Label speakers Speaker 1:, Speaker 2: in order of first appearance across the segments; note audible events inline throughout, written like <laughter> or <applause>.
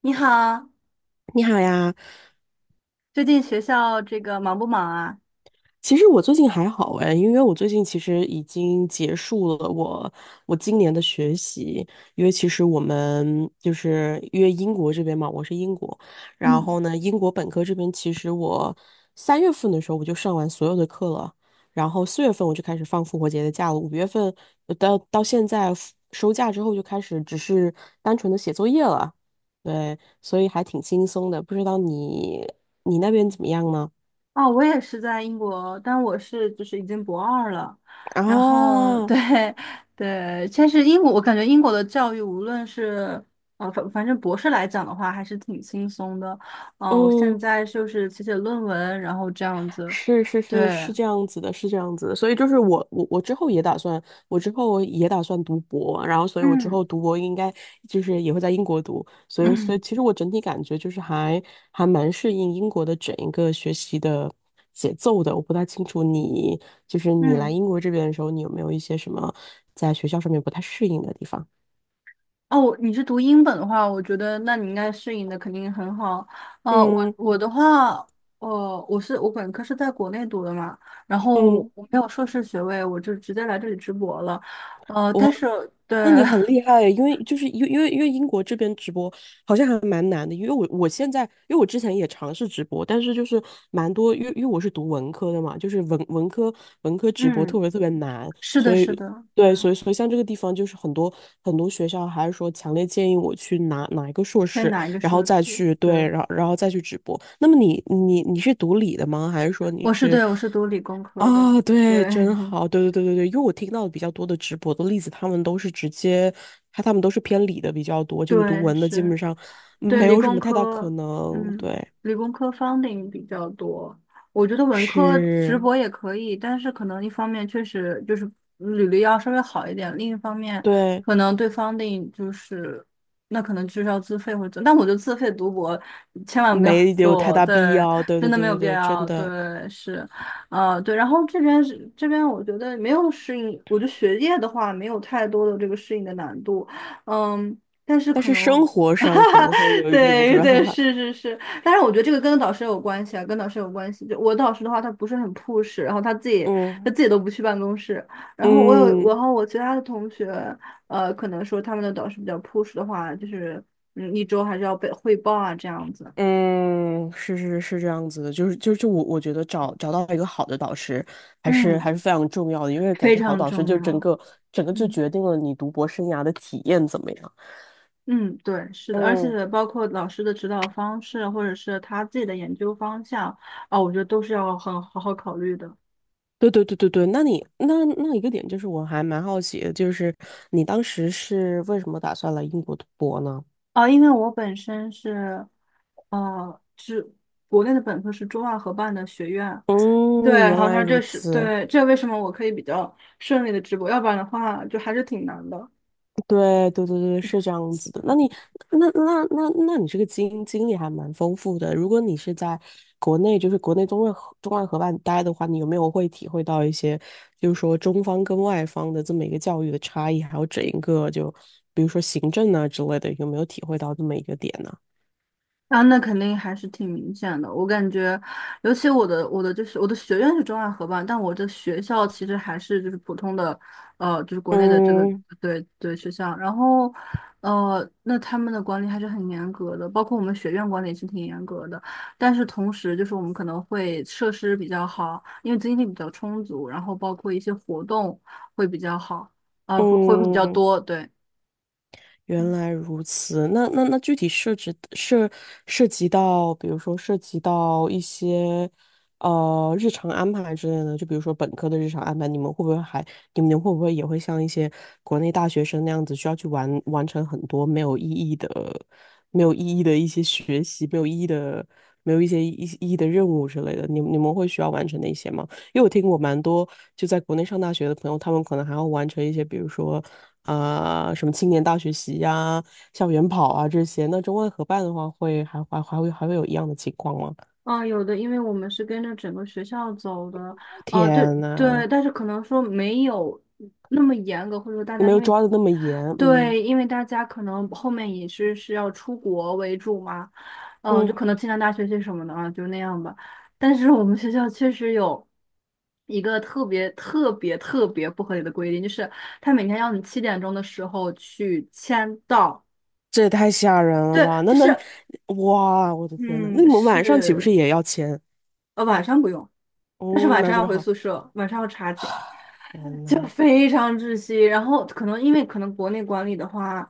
Speaker 1: 你好，
Speaker 2: 你好呀，
Speaker 1: 最近学校这个忙不忙啊？
Speaker 2: 其实我最近还好哎，因为我最近其实已经结束了我今年的学习，因为其实我们就是因为英国这边嘛，我是英国，然
Speaker 1: 嗯，
Speaker 2: 后呢，英国本科这边其实我三月份的时候我就上完所有的课了，然后四月份我就开始放复活节的假了，五月份到现在收假之后就开始只是单纯的写作业了，对，所以还挺轻松的，不知道你那边怎么样呢？
Speaker 1: 哦，我也是在英国，但就是已经博二了。然后
Speaker 2: 啊，
Speaker 1: 对 <laughs> 对，但是英国，我感觉英国的教育无论是呃反反正博士来讲的话，还是挺轻松的。哦，我现
Speaker 2: 嗯，
Speaker 1: 在就是写写论文，然后这样子。
Speaker 2: 是是是
Speaker 1: 对，
Speaker 2: 是这样子的，是这样子的，所以就是我之后也打算读博，然后所以我之
Speaker 1: 嗯
Speaker 2: 后读博应该就是也会在英国读，所以
Speaker 1: 嗯。
Speaker 2: 其实我整体感觉就是还蛮适应英国的整一个学习的节奏的，我不太清楚你就是你来
Speaker 1: 嗯
Speaker 2: 英国这边的时候，你有没有一些什么在学校上面不太适应的地方？
Speaker 1: 哦，你是读英本的话，我觉得那你应该适应的肯定很好。我
Speaker 2: 嗯。
Speaker 1: 我的话，我本科是在国内读的嘛，然后
Speaker 2: 嗯，
Speaker 1: 我没有硕士学位，我就直接来这里直博了。
Speaker 2: 我
Speaker 1: 但是
Speaker 2: 那
Speaker 1: 对，
Speaker 2: 你很厉害，因为就是因为因为因为英国这边直播好像还蛮难的，因为我之前也尝试直播，但是就是蛮多，因为我是读文科的嘛，就是文科
Speaker 1: <laughs>
Speaker 2: 直播特
Speaker 1: 嗯，
Speaker 2: 别特别难，
Speaker 1: 是的，
Speaker 2: 所以
Speaker 1: 是的，对，
Speaker 2: 对，所以像这个地方就是很多学校还是说强烈建议我去拿一个硕
Speaker 1: 在
Speaker 2: 士，
Speaker 1: 哪一个
Speaker 2: 然后
Speaker 1: 硕
Speaker 2: 再
Speaker 1: 士，
Speaker 2: 去对，
Speaker 1: 对，
Speaker 2: 然后再去直播。那么你是读理的吗？还是说你是？
Speaker 1: 对，我是读理工科的，
Speaker 2: 啊，对，
Speaker 1: 对
Speaker 2: 真好，对对对对对，因为我听到的比较多的直播的例子，他们都是直接，他们都是偏理的比较多，
Speaker 1: <laughs>，
Speaker 2: 就是读
Speaker 1: 对，
Speaker 2: 文的基
Speaker 1: 是。
Speaker 2: 本上
Speaker 1: 对，
Speaker 2: 没
Speaker 1: 理
Speaker 2: 有什
Speaker 1: 工
Speaker 2: 么太大可
Speaker 1: 科，
Speaker 2: 能，
Speaker 1: 嗯，
Speaker 2: 对，
Speaker 1: 理工科 funding 比较多。我觉得文科直
Speaker 2: 是，
Speaker 1: 博也可以，但是可能一方面确实就是履历要稍微好一点，另一方面
Speaker 2: 对，
Speaker 1: 可能对 funding 就是那可能就是要自费或者怎，但我觉得自费读博千万不要
Speaker 2: 没有太
Speaker 1: 做，
Speaker 2: 大必
Speaker 1: 对，
Speaker 2: 要，对
Speaker 1: 真
Speaker 2: 对
Speaker 1: 的没
Speaker 2: 对
Speaker 1: 有
Speaker 2: 对
Speaker 1: 必
Speaker 2: 对，真
Speaker 1: 要，
Speaker 2: 的，
Speaker 1: 对，是，啊，对。然后这边是这边，我觉得没有适应，我觉得学业的话没有太多的这个适应的难度，嗯。但是
Speaker 2: 但
Speaker 1: 可
Speaker 2: 是生
Speaker 1: 能
Speaker 2: 活上可
Speaker 1: <laughs>
Speaker 2: 能会有一点，是
Speaker 1: 对
Speaker 2: 吧？<laughs>
Speaker 1: 对，
Speaker 2: 哈
Speaker 1: 是是是，但是我觉得这个跟导师有关系啊，跟导师有关系。就我的导师的话，他不是很 push，然后他自己
Speaker 2: 嗯
Speaker 1: 都不去办公室。然后我有，然
Speaker 2: 嗯。
Speaker 1: 后我其他的同学，可能说他们的导师比较 push 的话，就是一周还是要被汇报啊，这样子，
Speaker 2: 嗯，是是是这样子的，就我觉得找到一个好的导师还是
Speaker 1: 嗯，
Speaker 2: 还是非常重要的，因为感
Speaker 1: 非
Speaker 2: 觉好
Speaker 1: 常
Speaker 2: 导师
Speaker 1: 重
Speaker 2: 就整
Speaker 1: 要。
Speaker 2: 个整个就
Speaker 1: 嗯。
Speaker 2: 决定了你读博生涯的体验怎么样。
Speaker 1: 嗯，对，是的，而
Speaker 2: 嗯，
Speaker 1: 且包括老师的指导方式，或者是他自己的研究方向啊，我觉得都是要很好好考虑的。
Speaker 2: 对对对对对，那你那一个点就是我还蛮好奇的，就是你当时是为什么打算来英国读博呢？
Speaker 1: 啊，因为我本身是哦，是国内的本科是中外合办的学院，对，
Speaker 2: 嗯，
Speaker 1: 然
Speaker 2: 原
Speaker 1: 后
Speaker 2: 来
Speaker 1: 它
Speaker 2: 如
Speaker 1: 这是
Speaker 2: 此。
Speaker 1: 对，这为什么我可以比较顺利的直播，要不然的话就还是挺难的。
Speaker 2: 对对对对，是这样子的。那你那那那那你这个经历还蛮丰富的。如果你是在国内，就是国内中外合办待的话，你有没有会体会到一些，就是说中方跟外方的这么一个教育的差异，还有整一个就比如说行政啊之类的，有没有体会到这么一个点呢？
Speaker 1: 啊，那肯定还是挺明显的。我感觉，尤其我的就是我的学院是中外合办，但我的学校其实还是就是普通的，就是国内的这个
Speaker 2: 嗯
Speaker 1: 对学校。然后，那他们的管理还是很严格的，包括我们学院管理也是挺严格的。但是同时，就是我们可能会设施比较好，因为经费比较充足，然后包括一些活动会比较好，啊，会比较
Speaker 2: 嗯，
Speaker 1: 多，对。
Speaker 2: 原来如此，那具体涉及到，比如说涉及到一些日常安排之类的，就比如说本科的日常安排，你们会不会也会像一些国内大学生那样子，需要去完成很多没有意义的一些学习，没有意义的、没有一些意义的任务之类的？你们会需要完成那些吗？因为我听过蛮多就在国内上大学的朋友，他们可能还要完成一些，比如说什么青年大学习呀、校园跑啊这些。那中外合办的话会，还会有一样的情况吗？
Speaker 1: 啊，有的，因为我们是跟着整个学校走的，啊，对
Speaker 2: 天
Speaker 1: 对，
Speaker 2: 呐，
Speaker 1: 但是可能说没有那么严格，或者说大家
Speaker 2: 没
Speaker 1: 因
Speaker 2: 有
Speaker 1: 为，
Speaker 2: 抓的那么严，嗯
Speaker 1: 对，因为大家可能后面也是要出国为主嘛，嗯，就
Speaker 2: 嗯，
Speaker 1: 可能清华大学些什么的啊，就那样吧。但是我们学校确实有一个特别特别特别不合理的规定，就是他每天要你七点钟的时候去签到，
Speaker 2: 这也太吓人了
Speaker 1: 对，
Speaker 2: 吧？
Speaker 1: 就是
Speaker 2: 哇，我的天呐，那你
Speaker 1: 嗯
Speaker 2: 们晚上岂不是
Speaker 1: 是
Speaker 2: 也要签？
Speaker 1: 呃晚上不用。但是
Speaker 2: 嗯，
Speaker 1: 晚
Speaker 2: 那
Speaker 1: 上要
Speaker 2: 就
Speaker 1: 回
Speaker 2: 好。
Speaker 1: 宿舍，晚上要查寝。
Speaker 2: 天
Speaker 1: 就
Speaker 2: 呐，
Speaker 1: 非常窒息。然后可能因为可能国内管理的话，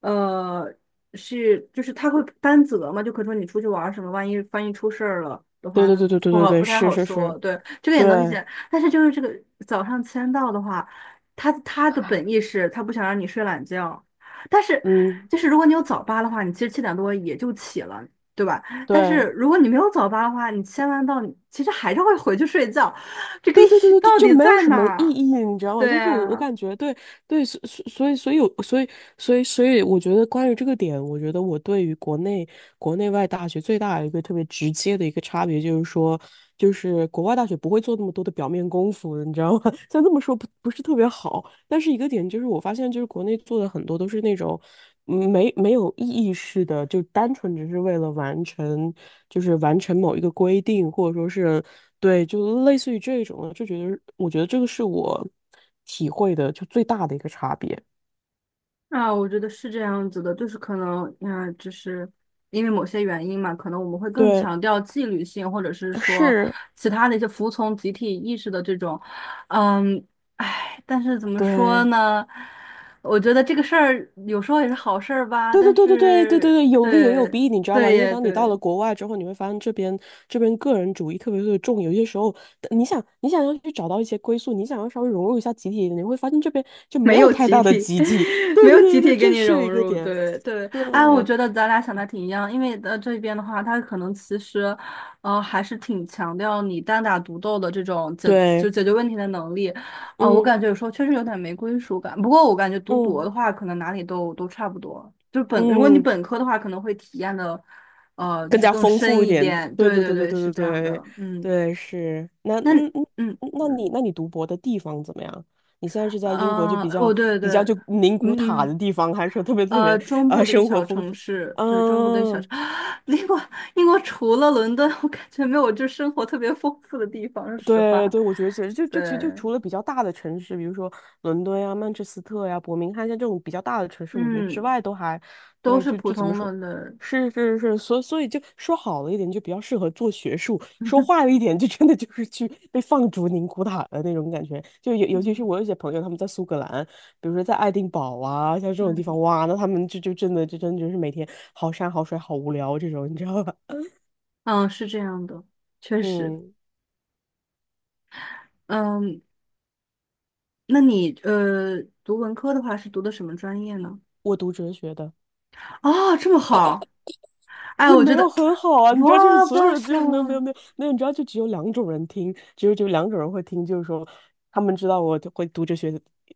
Speaker 1: 呃，是就是他会担责嘛，就可以说你出去玩儿什么，万一出事儿了的
Speaker 2: 对
Speaker 1: 话，
Speaker 2: 对
Speaker 1: 那
Speaker 2: 对对对
Speaker 1: 不
Speaker 2: 对
Speaker 1: 好，不
Speaker 2: 对，
Speaker 1: 太
Speaker 2: 是
Speaker 1: 好
Speaker 2: 是是，
Speaker 1: 说。对，这个也能理
Speaker 2: 对，
Speaker 1: 解。但是就是这个早上签到的话，他的本意是他不想让你睡懒觉，但是
Speaker 2: 嗯
Speaker 1: 就是如果你有早八的话，你其实七点多也就起了。对吧？但是
Speaker 2: 对。
Speaker 1: 如果你没有早八的话，你签完到，你其实还是会回去睡觉，这个意
Speaker 2: 对对对
Speaker 1: 义
Speaker 2: 对对，
Speaker 1: 到
Speaker 2: 就
Speaker 1: 底
Speaker 2: 没有
Speaker 1: 在
Speaker 2: 什
Speaker 1: 哪
Speaker 2: 么意
Speaker 1: 儿？
Speaker 2: 义，你知道吗？
Speaker 1: 对
Speaker 2: 就是我
Speaker 1: 啊，
Speaker 2: 感觉对对，所以，我觉得关于这个点，我觉得我对于国内外大学最大的一个特别直接的一个差别，就是说，就是国外大学不会做那么多的表面功夫，你知道吗？<laughs> 虽然这么说不是特别好，但是一个点就是，我发现就是国内做的很多都是那种没有意义式的，就单纯只是为了完成，就是完成某一个规定，或者说是对，就类似于这种的，就觉得我觉得这个是我体会的就最大的一个差别。
Speaker 1: 啊，我觉得是这样子的，就是可能，啊，就是因为某些原因嘛，可能我们会更
Speaker 2: 对，
Speaker 1: 强调纪律性，或者是说
Speaker 2: 是，
Speaker 1: 其他的一些服从集体意识的这种，嗯，哎，但是怎么说
Speaker 2: 对，
Speaker 1: 呢？我觉得这个事儿有时候也是好事儿吧，
Speaker 2: 对对
Speaker 1: 但
Speaker 2: 对对对对对
Speaker 1: 是
Speaker 2: 对，有利也有
Speaker 1: 对，
Speaker 2: 弊，你知道吧？
Speaker 1: 对
Speaker 2: 因为
Speaker 1: 耶，
Speaker 2: 当你到了
Speaker 1: 对。
Speaker 2: 国外之后，你会发现这边个人主义特别特别重，有些时候你想要去找到一些归宿，你想要稍微融入一下集体，你会发现这边就没
Speaker 1: 没
Speaker 2: 有
Speaker 1: 有
Speaker 2: 太
Speaker 1: 集
Speaker 2: 大的
Speaker 1: 体，
Speaker 2: 集体。<laughs>
Speaker 1: <laughs>
Speaker 2: 对
Speaker 1: 没
Speaker 2: 对
Speaker 1: 有集
Speaker 2: 对对对，
Speaker 1: 体跟
Speaker 2: 这
Speaker 1: 你
Speaker 2: 是
Speaker 1: 融
Speaker 2: 一个
Speaker 1: 入，
Speaker 2: 点。
Speaker 1: 对对，
Speaker 2: 对
Speaker 1: 哎，我觉得咱俩想的挺一样，因为这边的话，他可能其实，还是挺强调你单打独斗的这种
Speaker 2: 对，
Speaker 1: 解决问题的能力，啊，我
Speaker 2: 嗯
Speaker 1: 感觉有时候确实有点没归属感。不过我感觉读博
Speaker 2: 嗯
Speaker 1: 的话，可能哪里都差不多，就如果你
Speaker 2: 嗯嗯，
Speaker 1: 本科的话，可能会体验的，就
Speaker 2: 更
Speaker 1: 是
Speaker 2: 加
Speaker 1: 更
Speaker 2: 丰富
Speaker 1: 深
Speaker 2: 一
Speaker 1: 一
Speaker 2: 点。
Speaker 1: 点。
Speaker 2: 对
Speaker 1: 对
Speaker 2: 对
Speaker 1: 对
Speaker 2: 对对
Speaker 1: 对，是
Speaker 2: 对对
Speaker 1: 这样
Speaker 2: 对
Speaker 1: 的，嗯，
Speaker 2: 对，是。那
Speaker 1: 那
Speaker 2: 嗯嗯，
Speaker 1: 嗯
Speaker 2: 嗯那
Speaker 1: 嗯，
Speaker 2: 你那你读博的地方怎么样？你现在是在英国就比较
Speaker 1: 对
Speaker 2: 比
Speaker 1: 对，
Speaker 2: 较就宁古
Speaker 1: 嗯
Speaker 2: 塔
Speaker 1: 嗯，
Speaker 2: 的地方，还是说特别特别
Speaker 1: 中部的一个
Speaker 2: 生活
Speaker 1: 小
Speaker 2: 丰
Speaker 1: 城
Speaker 2: 富？
Speaker 1: 市，对，中部的一个小城，
Speaker 2: 嗯
Speaker 1: <gasps> <sucks teeth> 英国，英国除了伦敦，我感觉没有就生活特别丰富的地方，说实话，
Speaker 2: 对对，我觉得其实就
Speaker 1: 对，
Speaker 2: 就其实就除了比较大的城市，比如说伦敦呀、曼彻斯特呀、伯明翰像这种比较大的城市，我觉得之
Speaker 1: 嗯，
Speaker 2: 外都还
Speaker 1: 都
Speaker 2: 对，
Speaker 1: 是
Speaker 2: 就
Speaker 1: 普
Speaker 2: 就怎么
Speaker 1: 通
Speaker 2: 说，
Speaker 1: 了的，
Speaker 2: 是是是，所以就说好了一点，就比较适合做学术；说坏
Speaker 1: <laughs>
Speaker 2: 了一点，就真的就是去被放逐宁古塔的那种感觉。就尤其是
Speaker 1: 嗯
Speaker 2: 我有些朋友他们在苏格兰，比如说在爱丁堡啊，像这种地方，
Speaker 1: 嗯
Speaker 2: 哇，那他们就真的就是每天好山好水好无聊这种，你知道吧？<laughs>
Speaker 1: 嗯，是这样的，确实，
Speaker 2: 嗯，
Speaker 1: 嗯，那你读文科的话是读的什么专业呢？
Speaker 2: 我读哲学的。
Speaker 1: 啊，这么好，哎，
Speaker 2: 也
Speaker 1: 我
Speaker 2: 没
Speaker 1: 觉
Speaker 2: 有
Speaker 1: 得
Speaker 2: 很好啊，
Speaker 1: <tsk>，
Speaker 2: 你知道，就是
Speaker 1: 哇，
Speaker 2: 所有
Speaker 1: 不
Speaker 2: 人就是没有没有
Speaker 1: 行，
Speaker 2: 没有没有，你知道，就只有两种人听，只有两种人会听，就是说他们知道我会读哲学，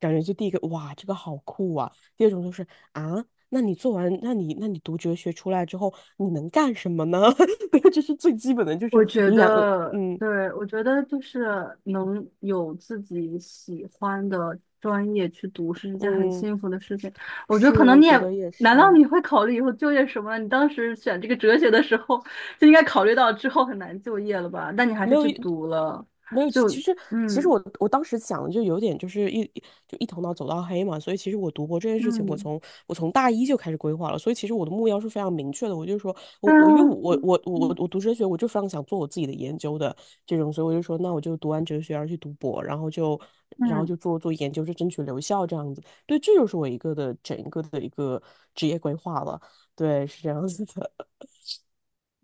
Speaker 2: 感觉就第一个哇，这个好酷啊，第二种就是啊，那你做完，那你读哲学出来之后，你能干什么呢？<laughs> 对，这是最基本的，就是
Speaker 1: 我觉得，
Speaker 2: 嗯
Speaker 1: 对，我觉得就是能有自己喜欢的专业去读是一件很
Speaker 2: 嗯，
Speaker 1: 幸福的事情。我觉得可
Speaker 2: 是，
Speaker 1: 能
Speaker 2: 我
Speaker 1: 你也，
Speaker 2: 觉得也
Speaker 1: 难道
Speaker 2: 是，
Speaker 1: 你会考虑以后就业什么？你当时选这个哲学的时候，就应该考虑到之后很难就业了吧？但你还
Speaker 2: 没
Speaker 1: 是
Speaker 2: 有
Speaker 1: 去
Speaker 2: 一
Speaker 1: 读了，
Speaker 2: 没有，其
Speaker 1: 就
Speaker 2: 其实其实
Speaker 1: 嗯
Speaker 2: 我当时想的就有点就是一头脑走到黑嘛，所以其实我读博这件事情，我
Speaker 1: 嗯，
Speaker 2: 从我从大一就开始规划了，所以其实我的目标是非常明确的，我就说我
Speaker 1: 但
Speaker 2: 我因为我
Speaker 1: 嗯
Speaker 2: 我我我
Speaker 1: 嗯
Speaker 2: 我读哲学，我就非常想做我自己的研究的这种，所以我就说那我就读完哲学，然后去读博，然后就然后
Speaker 1: 嗯。
Speaker 2: 就做做研究，就争取留校这样子，对，这就是我一个的整个的一个职业规划了，对，是这样子的，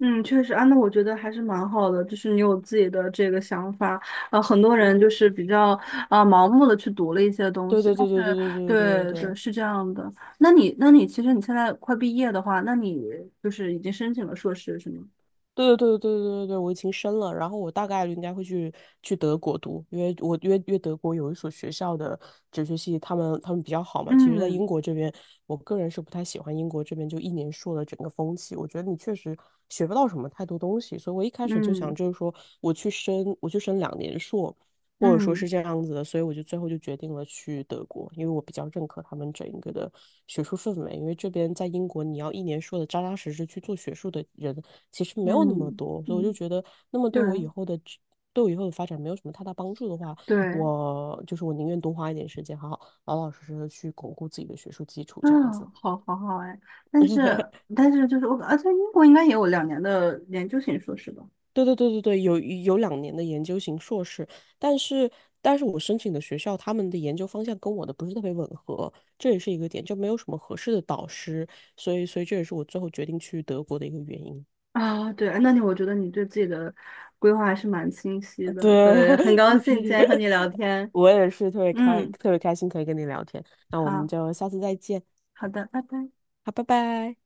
Speaker 1: 嗯，确实啊，那我觉得还是蛮好的，就是你有自己的这个想法，啊。很多人就
Speaker 2: 嗯，
Speaker 1: 是比较啊，盲目的去读了一些东
Speaker 2: 对
Speaker 1: 西，
Speaker 2: 对
Speaker 1: 但
Speaker 2: 对对对
Speaker 1: 是
Speaker 2: 对对对
Speaker 1: 对对
Speaker 2: 对。
Speaker 1: 是这样的。那你其实你现在快毕业的话，那你就是已经申请了硕士是吗？
Speaker 2: 对对对对对对，对，我已经申了，然后我大概率应该会去德国读，因为我约为因为德国有一所学校的哲学系，他们比较好嘛。其实，在英
Speaker 1: 嗯
Speaker 2: 国这边，我个人是不太喜欢英国这边就一年硕的整个风气，我觉得你确实学不到什么太多东西，所以我一开始就想
Speaker 1: 嗯
Speaker 2: 就是说我去申两年硕，或者说
Speaker 1: 嗯
Speaker 2: 是这样子的，所以我就最后就决定了去德国，因为我比较认可他们整一个的学术氛围。因为这边在英国，你要一年说的扎扎实实去做学术的人，其实没有那么
Speaker 1: 嗯
Speaker 2: 多，所以我就
Speaker 1: 嗯，
Speaker 2: 觉得，那么
Speaker 1: 对
Speaker 2: 对我以后的职对我以后的发展没有什么太大帮助的话，
Speaker 1: 对，
Speaker 2: 我就是我宁愿多花一点时间，好好老老实实的去巩固自己的学术基础，这样子。
Speaker 1: 嗯，好好好哎，但是
Speaker 2: <laughs>
Speaker 1: 但是就是我，而且英国应该也有两年的研究型硕士吧。
Speaker 2: 对对对对对，有两年的研究型硕士，但是但是我申请的学校他们的研究方向跟我的不是特别吻合，这也是一个点，就没有什么合适的导师，所以这也是我最后决定去德国的一个原因。
Speaker 1: 啊，对，我觉得你对自己的规划还是蛮清晰的，
Speaker 2: 对，
Speaker 1: 对，很高
Speaker 2: <laughs>
Speaker 1: 兴今
Speaker 2: 是，
Speaker 1: 天和你聊天，
Speaker 2: 我也是特别开，
Speaker 1: 嗯，
Speaker 2: 特别开心可以跟你聊天。那我们
Speaker 1: 好，
Speaker 2: 就下次再见，
Speaker 1: 好的，拜拜。
Speaker 2: 好，拜拜。